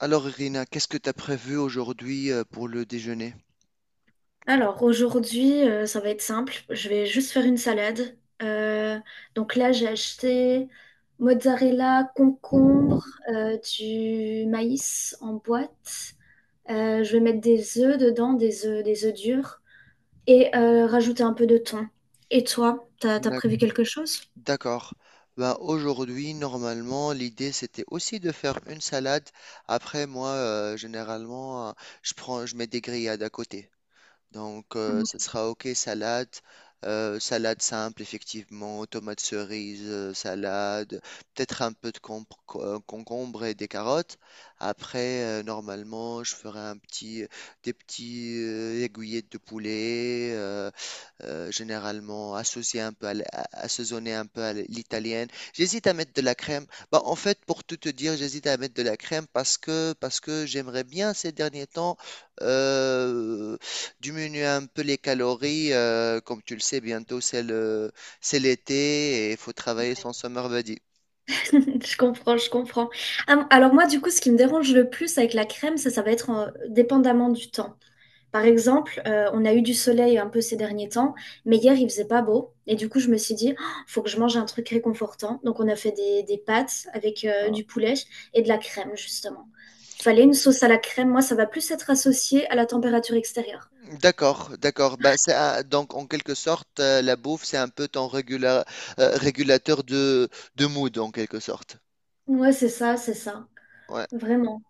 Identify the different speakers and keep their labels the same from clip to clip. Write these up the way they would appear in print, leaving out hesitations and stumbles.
Speaker 1: Alors, Irina, qu'est-ce que tu as prévu aujourd'hui pour le déjeuner?
Speaker 2: Alors aujourd'hui, ça va être simple. Je vais juste faire une salade. Donc là, j'ai acheté mozzarella, concombre, du maïs en boîte. Je vais mettre des œufs dedans, des œufs durs, et rajouter un peu de thon. Et toi, t'as
Speaker 1: D'ac-
Speaker 2: prévu quelque chose?
Speaker 1: D'accord. Ben aujourd'hui, normalement, l'idée c'était aussi de faire une salade. Après, moi, généralement, je mets des grillades à côté. Donc,
Speaker 2: Mm.
Speaker 1: ce sera OK, salade, salade simple, effectivement, tomates cerises, salade, peut-être un peu de concombre et des carottes. Après, normalement, je ferai un petit, des petits aiguillettes de poulet, généralement associé un peu assaisonné un peu à l'italienne. J'hésite à mettre de la crème. Bah, en fait, pour tout te dire, j'hésite à mettre de la crème parce que j'aimerais bien ces derniers temps euh, diminuer un peu les calories. Comme tu le sais, c'est l'été et il faut travailler
Speaker 2: Ouais.
Speaker 1: son summer body.
Speaker 2: Je comprends, je comprends. Ah, alors moi, du coup, ce qui me dérange le plus avec la crème, ça va être dépendamment du temps. Par exemple, on a eu du soleil un peu ces derniers temps, mais hier il faisait pas beau. Et du coup, je me suis dit, oh, faut que je mange un truc réconfortant. Donc, on a fait des pâtes avec
Speaker 1: Ah.
Speaker 2: du poulet et de la crème, justement. Il fallait une sauce à la crème. Moi, ça va plus être associé à la température extérieure.
Speaker 1: D'accord, d'accord. Bah, c'est un- donc en quelque sorte, la bouffe, c'est un peu ton régulateur de mood en quelque sorte.
Speaker 2: Ouais, c'est ça, c'est ça.
Speaker 1: Ouais.
Speaker 2: Vraiment.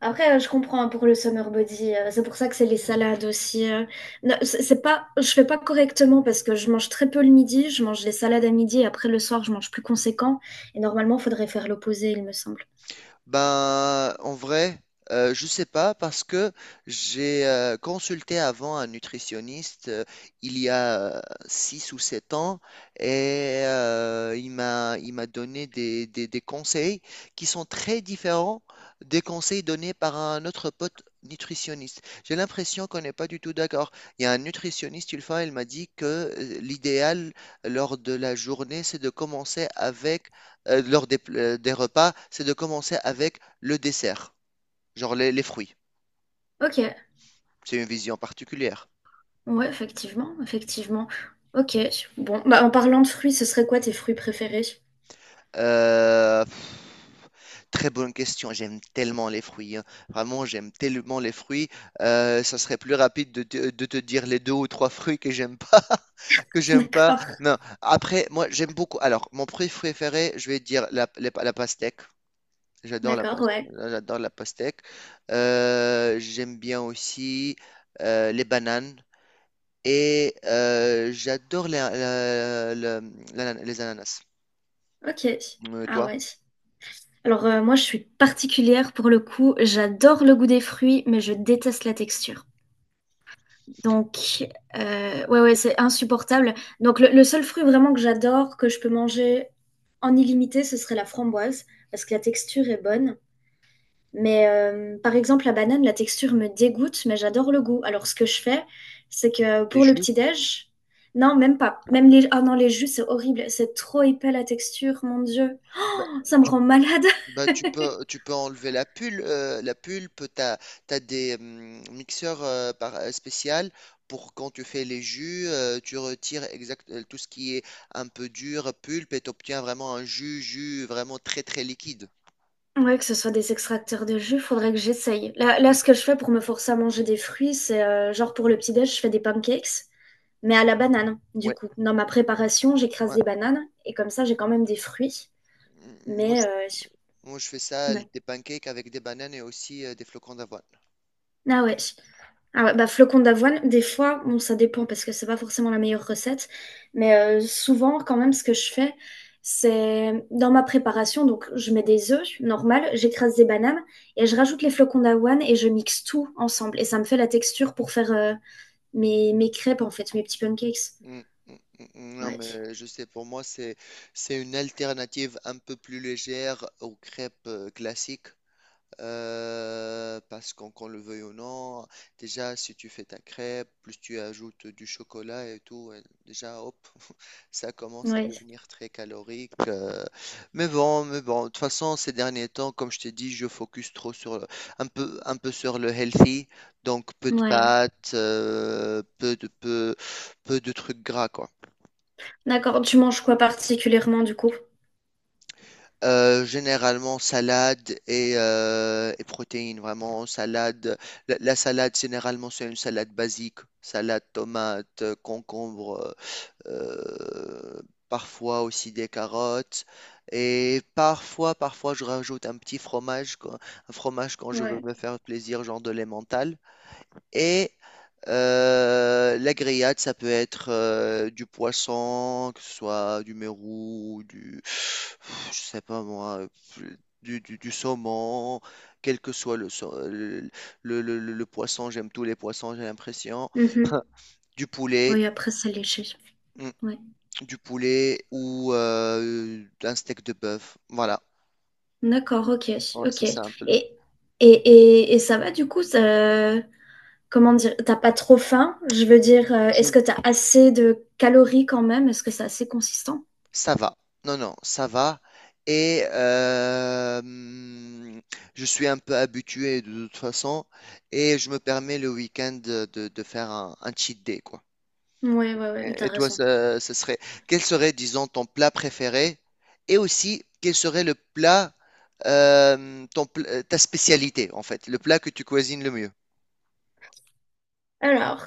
Speaker 2: Après, je comprends hein, pour le summer body. C'est pour ça que c'est les salades aussi. Non, c'est pas, je fais pas correctement parce que je mange très peu le midi. Je mange les salades à midi et après le soir, je mange plus conséquent. Et normalement, il faudrait faire l'opposé, il me semble.
Speaker 1: Ben, en vrai, je sais pas parce que j'ai consulté avant un nutritionniste il y a 6 ou 7 ans et il m'a donné des, des conseils qui sont très différents des conseils donnés par un autre pote nutritionniste. J'ai l'impression qu'on n'est pas du tout d'accord. Il y a un nutritionniste, une fois, il m'a dit que l'idéal lors de la journée, c'est de commencer avec lors des repas, c'est de commencer avec le dessert, genre les fruits.
Speaker 2: Ok,
Speaker 1: C'est une vision particulière.
Speaker 2: ouais, effectivement, effectivement. Ok, bon, bah en parlant de fruits, ce serait quoi tes fruits préférés?
Speaker 1: Euh, pff, Très bonne question. J'aime tellement les fruits, hein. Vraiment, j'aime tellement les fruits. Ça serait plus rapide de de te dire les deux ou trois fruits que j'aime pas, que j'aime pas.
Speaker 2: D'accord,
Speaker 1: Non. Après, moi, j'aime beaucoup. Alors, mon fruit préféré, je vais dire la pastèque. J'adore la, pas-
Speaker 2: d'accord, ouais.
Speaker 1: J'adore la pastèque. J'aime bien aussi les bananes. Et j'adore les, la- la- la- les ananas.
Speaker 2: Ok,
Speaker 1: Euh,
Speaker 2: ah
Speaker 1: toi,
Speaker 2: ouais. Alors moi, je suis particulière pour le coup. J'adore le goût des fruits, mais je déteste la texture. Donc, ouais, ouais, c'est insupportable. Donc, le seul fruit vraiment que j'adore, que je peux manger en illimité, ce serait la framboise, parce que la texture est bonne. Mais par exemple, la banane, la texture me dégoûte, mais j'adore le goût. Alors, ce que je fais, c'est que
Speaker 1: les
Speaker 2: pour le
Speaker 1: jus?
Speaker 2: petit-déj, non, même pas. Même les... Ah non, les jus, c'est horrible. C'est trop épais la texture, mon Dieu.
Speaker 1: Bah,
Speaker 2: Oh, ça me
Speaker 1: tu,
Speaker 2: rend malade.
Speaker 1: tu peux enlever la pulpe. La pulpe, t'as des mixeurs spécial pour quand tu fais les jus, tu retires tout ce qui est un peu dur, pulpe, et t'obtiens vraiment un jus vraiment très très liquide.
Speaker 2: Ouais, que ce soit des extracteurs de jus, faudrait que j'essaye. Là, là, ce que je fais pour me forcer à manger des fruits, c'est genre pour le petit-déj, je fais des pancakes, mais à
Speaker 1: Mhm.
Speaker 2: la banane, du
Speaker 1: Ouais,
Speaker 2: coup. Dans ma préparation, j'écrase
Speaker 1: ouais.
Speaker 2: des bananes, et comme ça, j'ai quand même des fruits.
Speaker 1: Mm, Moi,
Speaker 2: Mais,
Speaker 1: Je fais ça,
Speaker 2: ouais.
Speaker 1: des pancakes avec des bananes et aussi des flocons d'avoine.
Speaker 2: Ah ouais. Ah ouais, bah flocons d'avoine, des fois, bon, ça dépend parce que c'est pas forcément la meilleure recette, mais souvent, quand même, ce que je fais, c'est dans ma préparation, donc je mets des œufs, normal, j'écrase des bananes et je rajoute les flocons d'avoine et je mixe tout ensemble et ça me fait la texture pour faire mes crêpes en fait, mes petits pancakes.
Speaker 1: Mm, mm, mm. Non,
Speaker 2: Ouais,
Speaker 1: mais je sais, pour moi, c'est une alternative un peu plus légère aux crêpes classiques. Parce qu'on le veuille ou non, déjà si tu fais ta crêpe, plus tu ajoutes du chocolat et tout, déjà hop, ça commence à
Speaker 2: ouais,
Speaker 1: devenir très calorique. Mais bon, mais bon, de toute façon, ces derniers temps, comme je t'ai dit, je focus trop sur un peu sur le healthy, donc peu de
Speaker 2: ouais.
Speaker 1: pâtes, peu de trucs gras, quoi.
Speaker 2: D'accord, tu manges quoi particulièrement du coup?
Speaker 1: Généralement salade et et protéines, vraiment salade. La salade, généralement, c'est une salade basique. Salade, tomate, concombre, euh, parfois aussi des carottes. Et parfois, je rajoute un petit fromage, un fromage quand je veux
Speaker 2: Ouais.
Speaker 1: me faire plaisir, genre de l'emmental. Et la grillade, ça peut être du poisson, que ce soit du mérou, du, je sais pas moi, du saumon, quel que soit le, sau- le poisson, j'aime tous les poissons, j'ai l'impression.
Speaker 2: Mhm.
Speaker 1: Du poulet,
Speaker 2: Oui, après, c'est léger.
Speaker 1: mm,
Speaker 2: Ouais.
Speaker 1: du poulet ou un steak de bœuf. Voilà.
Speaker 2: D'accord, ok,
Speaker 1: Ouais,
Speaker 2: ok.
Speaker 1: c'est simple.
Speaker 2: Et, et ça va du coup, comment dire, t'as pas trop faim? Je veux dire, est-ce que t'as assez de calories quand même? Est-ce que c'est assez consistant?
Speaker 1: Ça va. Non, non, ça va. Et je suis un peu habitué de toute façon. Et je me permets le week-end de, de faire un cheat day, quoi.
Speaker 2: Ouais, ouais, ouais, mais
Speaker 1: Et,
Speaker 2: t'as
Speaker 1: et toi,
Speaker 2: raison.
Speaker 1: quel serait, disons, ton plat préféré? Et aussi, quel serait le plat, ta spécialité, en fait, le plat que tu cuisines le mieux?
Speaker 2: Alors,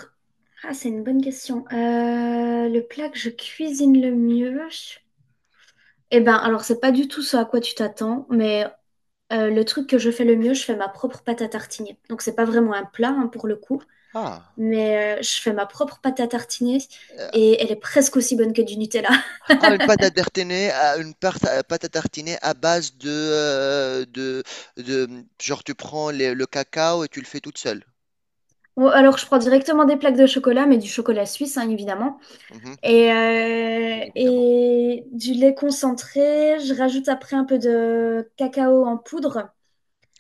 Speaker 2: ah, c'est une bonne question. Le plat que je cuisine le mieux, eh ben, alors c'est pas du tout ce à quoi tu t'attends, mais le truc que je fais le mieux, je fais ma propre pâte à tartiner. Donc c'est pas vraiment un plat hein, pour le coup.
Speaker 1: Ah.
Speaker 2: Mais je fais ma propre pâte à tartiner et elle est presque aussi bonne que du Nutella.
Speaker 1: Ah, une pâte à tartiner, pâte à tartiner à base de, genre tu prends le cacao et tu le fais toute seule.
Speaker 2: Bon, alors je prends directement des plaques de chocolat, mais du chocolat suisse, hein, évidemment,
Speaker 1: Mhm, bien évidemment.
Speaker 2: et du lait concentré. Je rajoute après un peu de cacao en poudre.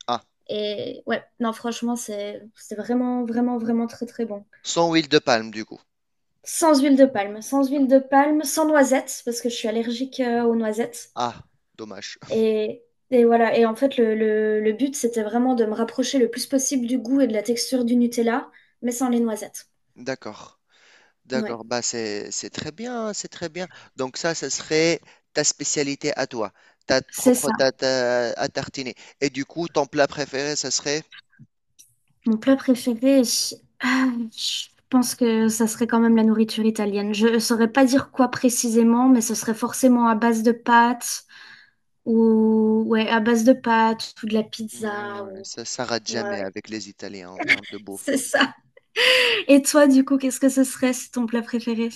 Speaker 1: Ah,
Speaker 2: Et ouais, non, franchement, c'est vraiment, vraiment, vraiment très, très bon.
Speaker 1: sans huile de palme du coup.
Speaker 2: Sans huile de palme, sans huile de palme, sans noisettes, parce que je suis allergique aux noisettes.
Speaker 1: Ah, dommage.
Speaker 2: Et, et voilà. Et en fait, le but, c'était vraiment de me rapprocher le plus possible du goût et de la texture du Nutella, mais sans les noisettes.
Speaker 1: D'accord,
Speaker 2: Ouais.
Speaker 1: d'accord. Bah c'est très bien, hein, c'est très bien. Donc ça serait ta spécialité à toi, ta
Speaker 2: C'est
Speaker 1: propre
Speaker 2: ça.
Speaker 1: tarte à tartiner. Et du coup, ton plat préféré, ça serait?
Speaker 2: Mon plat préféré, je pense que ça serait quand même la nourriture italienne. Je ne saurais pas dire quoi précisément, mais ce serait forcément à base de pâtes ou ouais, à base de pâtes ou de la pizza
Speaker 1: Non,
Speaker 2: ou
Speaker 1: ça rate
Speaker 2: ouais,
Speaker 1: jamais
Speaker 2: ouais,
Speaker 1: avec les Italiens en termes de bouffe,
Speaker 2: c'est
Speaker 1: hein.
Speaker 2: ça. Et toi, du coup, qu'est-ce que ce serait si ton plat préféré?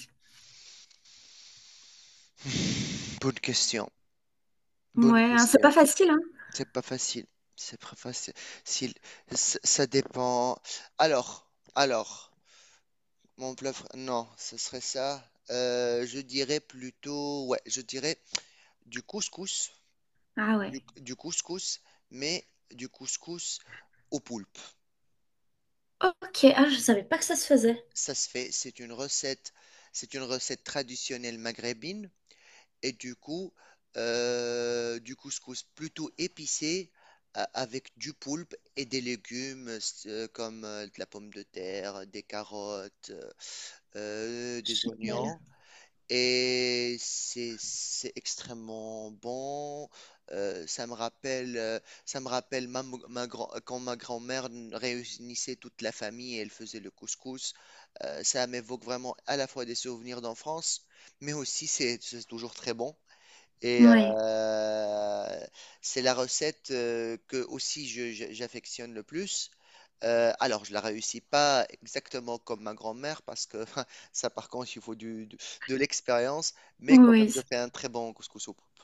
Speaker 1: Bonne question, bonne
Speaker 2: Ouais, hein, c'est pas
Speaker 1: question.
Speaker 2: facile, hein?
Speaker 1: C'est pas facile. C'est pas facile. S'il- Ça ça dépend. Alors, alors, mon plat, fr- non, ce serait ça. Je dirais plutôt, ouais, je dirais du couscous,
Speaker 2: Ah ouais.
Speaker 1: du couscous, mais du couscous au poulpe.
Speaker 2: Ok, ah, je savais pas que ça se faisait.
Speaker 1: Ça se fait. C'est une recette traditionnelle maghrébine. Et du coup, du couscous plutôt épicé avec du poulpe et des légumes comme de la pomme de terre, des carottes, des
Speaker 2: Génial.
Speaker 1: oignons. Et c'est extrêmement bon. Ça me rappelle quand ma grand-mère réunissait toute la famille et elle faisait le couscous. Ça m'évoque vraiment à la fois des souvenirs d'enfance, mais aussi c'est toujours très bon. Et
Speaker 2: Oui,
Speaker 1: c'est la recette que aussi j'affectionne le plus. Alors, je la réussis pas exactement comme ma grand-mère parce que ça, par contre, il faut de l'expérience, mais quand même,
Speaker 2: oui.
Speaker 1: je fais un très bon couscous au poulpe.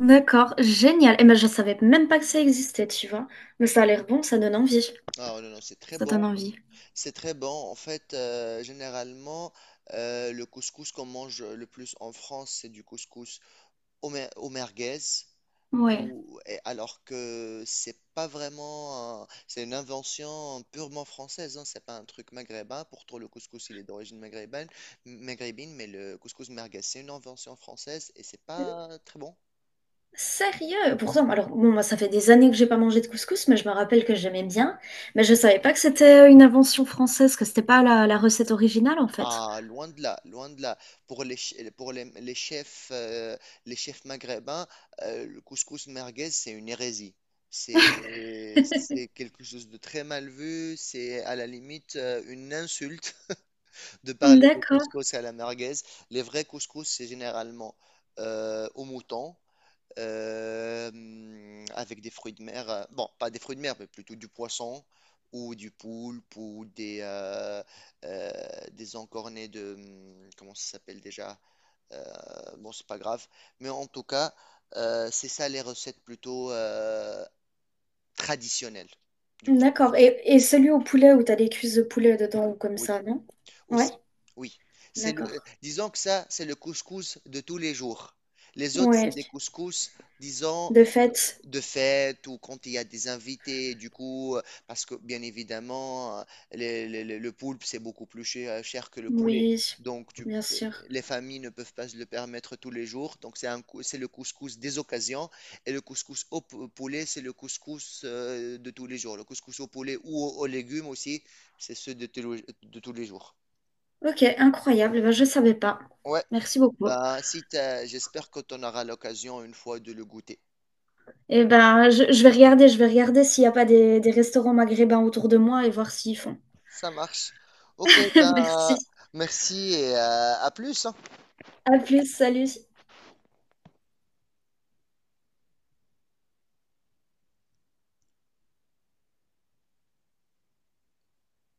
Speaker 2: D'accord, génial. Et ben, je savais même pas que ça existait, tu vois. Mais ça a l'air bon, ça donne envie.
Speaker 1: Oh, non, non, c'est très
Speaker 2: Ça donne
Speaker 1: bon,
Speaker 2: envie.
Speaker 1: c'est très bon. En fait, généralement, le couscous qu'on mange le plus en France, c'est du couscous au merguez,
Speaker 2: Ouais.
Speaker 1: ou, et alors que c'est pas vraiment, c'est une invention purement française, hein, c'est pas un truc maghrébin. Pourtant, le couscous, il est d'origine maghrébine, maghrébine, mais le couscous merguez, c'est une invention française et c'est pas très bon.
Speaker 2: Sérieux? Pourtant, alors, bon, moi, ça fait des années que j'ai pas mangé de couscous, mais je me rappelle que j'aimais bien. Mais je savais pas que c'était une invention française, que c'était pas la recette originale, en fait.
Speaker 1: Ah, loin de là, loin de là. Pour les chefs maghrébins, le couscous merguez, c'est une hérésie. C'est quelque chose de très mal vu, c'est à la limite une insulte de parler de
Speaker 2: D'accord,
Speaker 1: couscous à la merguez. Les vrais couscous, c'est généralement au mouton, avec des fruits de mer. Bon, pas des fruits de mer, mais plutôt du poisson ou du poulpe ou euh, des encornets de... Comment ça s'appelle déjà? Bon, c'est pas grave. Mais en tout cas, c'est ça les recettes plutôt traditionnelles du couscous.
Speaker 2: d'accord. Et celui au poulet où t'as des cuisses de poulet dedans ou comme
Speaker 1: Oui.
Speaker 2: ça, non? Ouais,
Speaker 1: Aussi, oui. C'est le,
Speaker 2: d'accord.
Speaker 1: disons que ça, c'est le couscous de tous les jours. Les autres, c'est des
Speaker 2: Ouais,
Speaker 1: couscous, disons,
Speaker 2: de fait.
Speaker 1: de fête ou quand il y a des invités, du coup, parce que bien évidemment, le poulpe, c'est beaucoup plus cher, cher que le poulet.
Speaker 2: Oui,
Speaker 1: Donc, tu-
Speaker 2: bien
Speaker 1: euh,
Speaker 2: sûr.
Speaker 1: les familles ne peuvent pas se le permettre tous les jours. Donc, c'est le couscous des occasions. Et le couscous poulet, c'est le couscous de tous les jours. Le couscous au poulet ou aux légumes aussi, c'est ceux de tous les jours.
Speaker 2: Ok, incroyable. Eh ben, je ne savais pas.
Speaker 1: Ouais.
Speaker 2: Merci beaucoup.
Speaker 1: Bah, si t'as- j'espère que tu en auras l'occasion une fois de le goûter.
Speaker 2: Et ben, je vais regarder s'il n'y a pas des restaurants maghrébins autour de moi et voir s'ils font.
Speaker 1: Ça marche. Ok,
Speaker 2: Merci.
Speaker 1: bah, merci et à plus, hein.
Speaker 2: À plus, salut.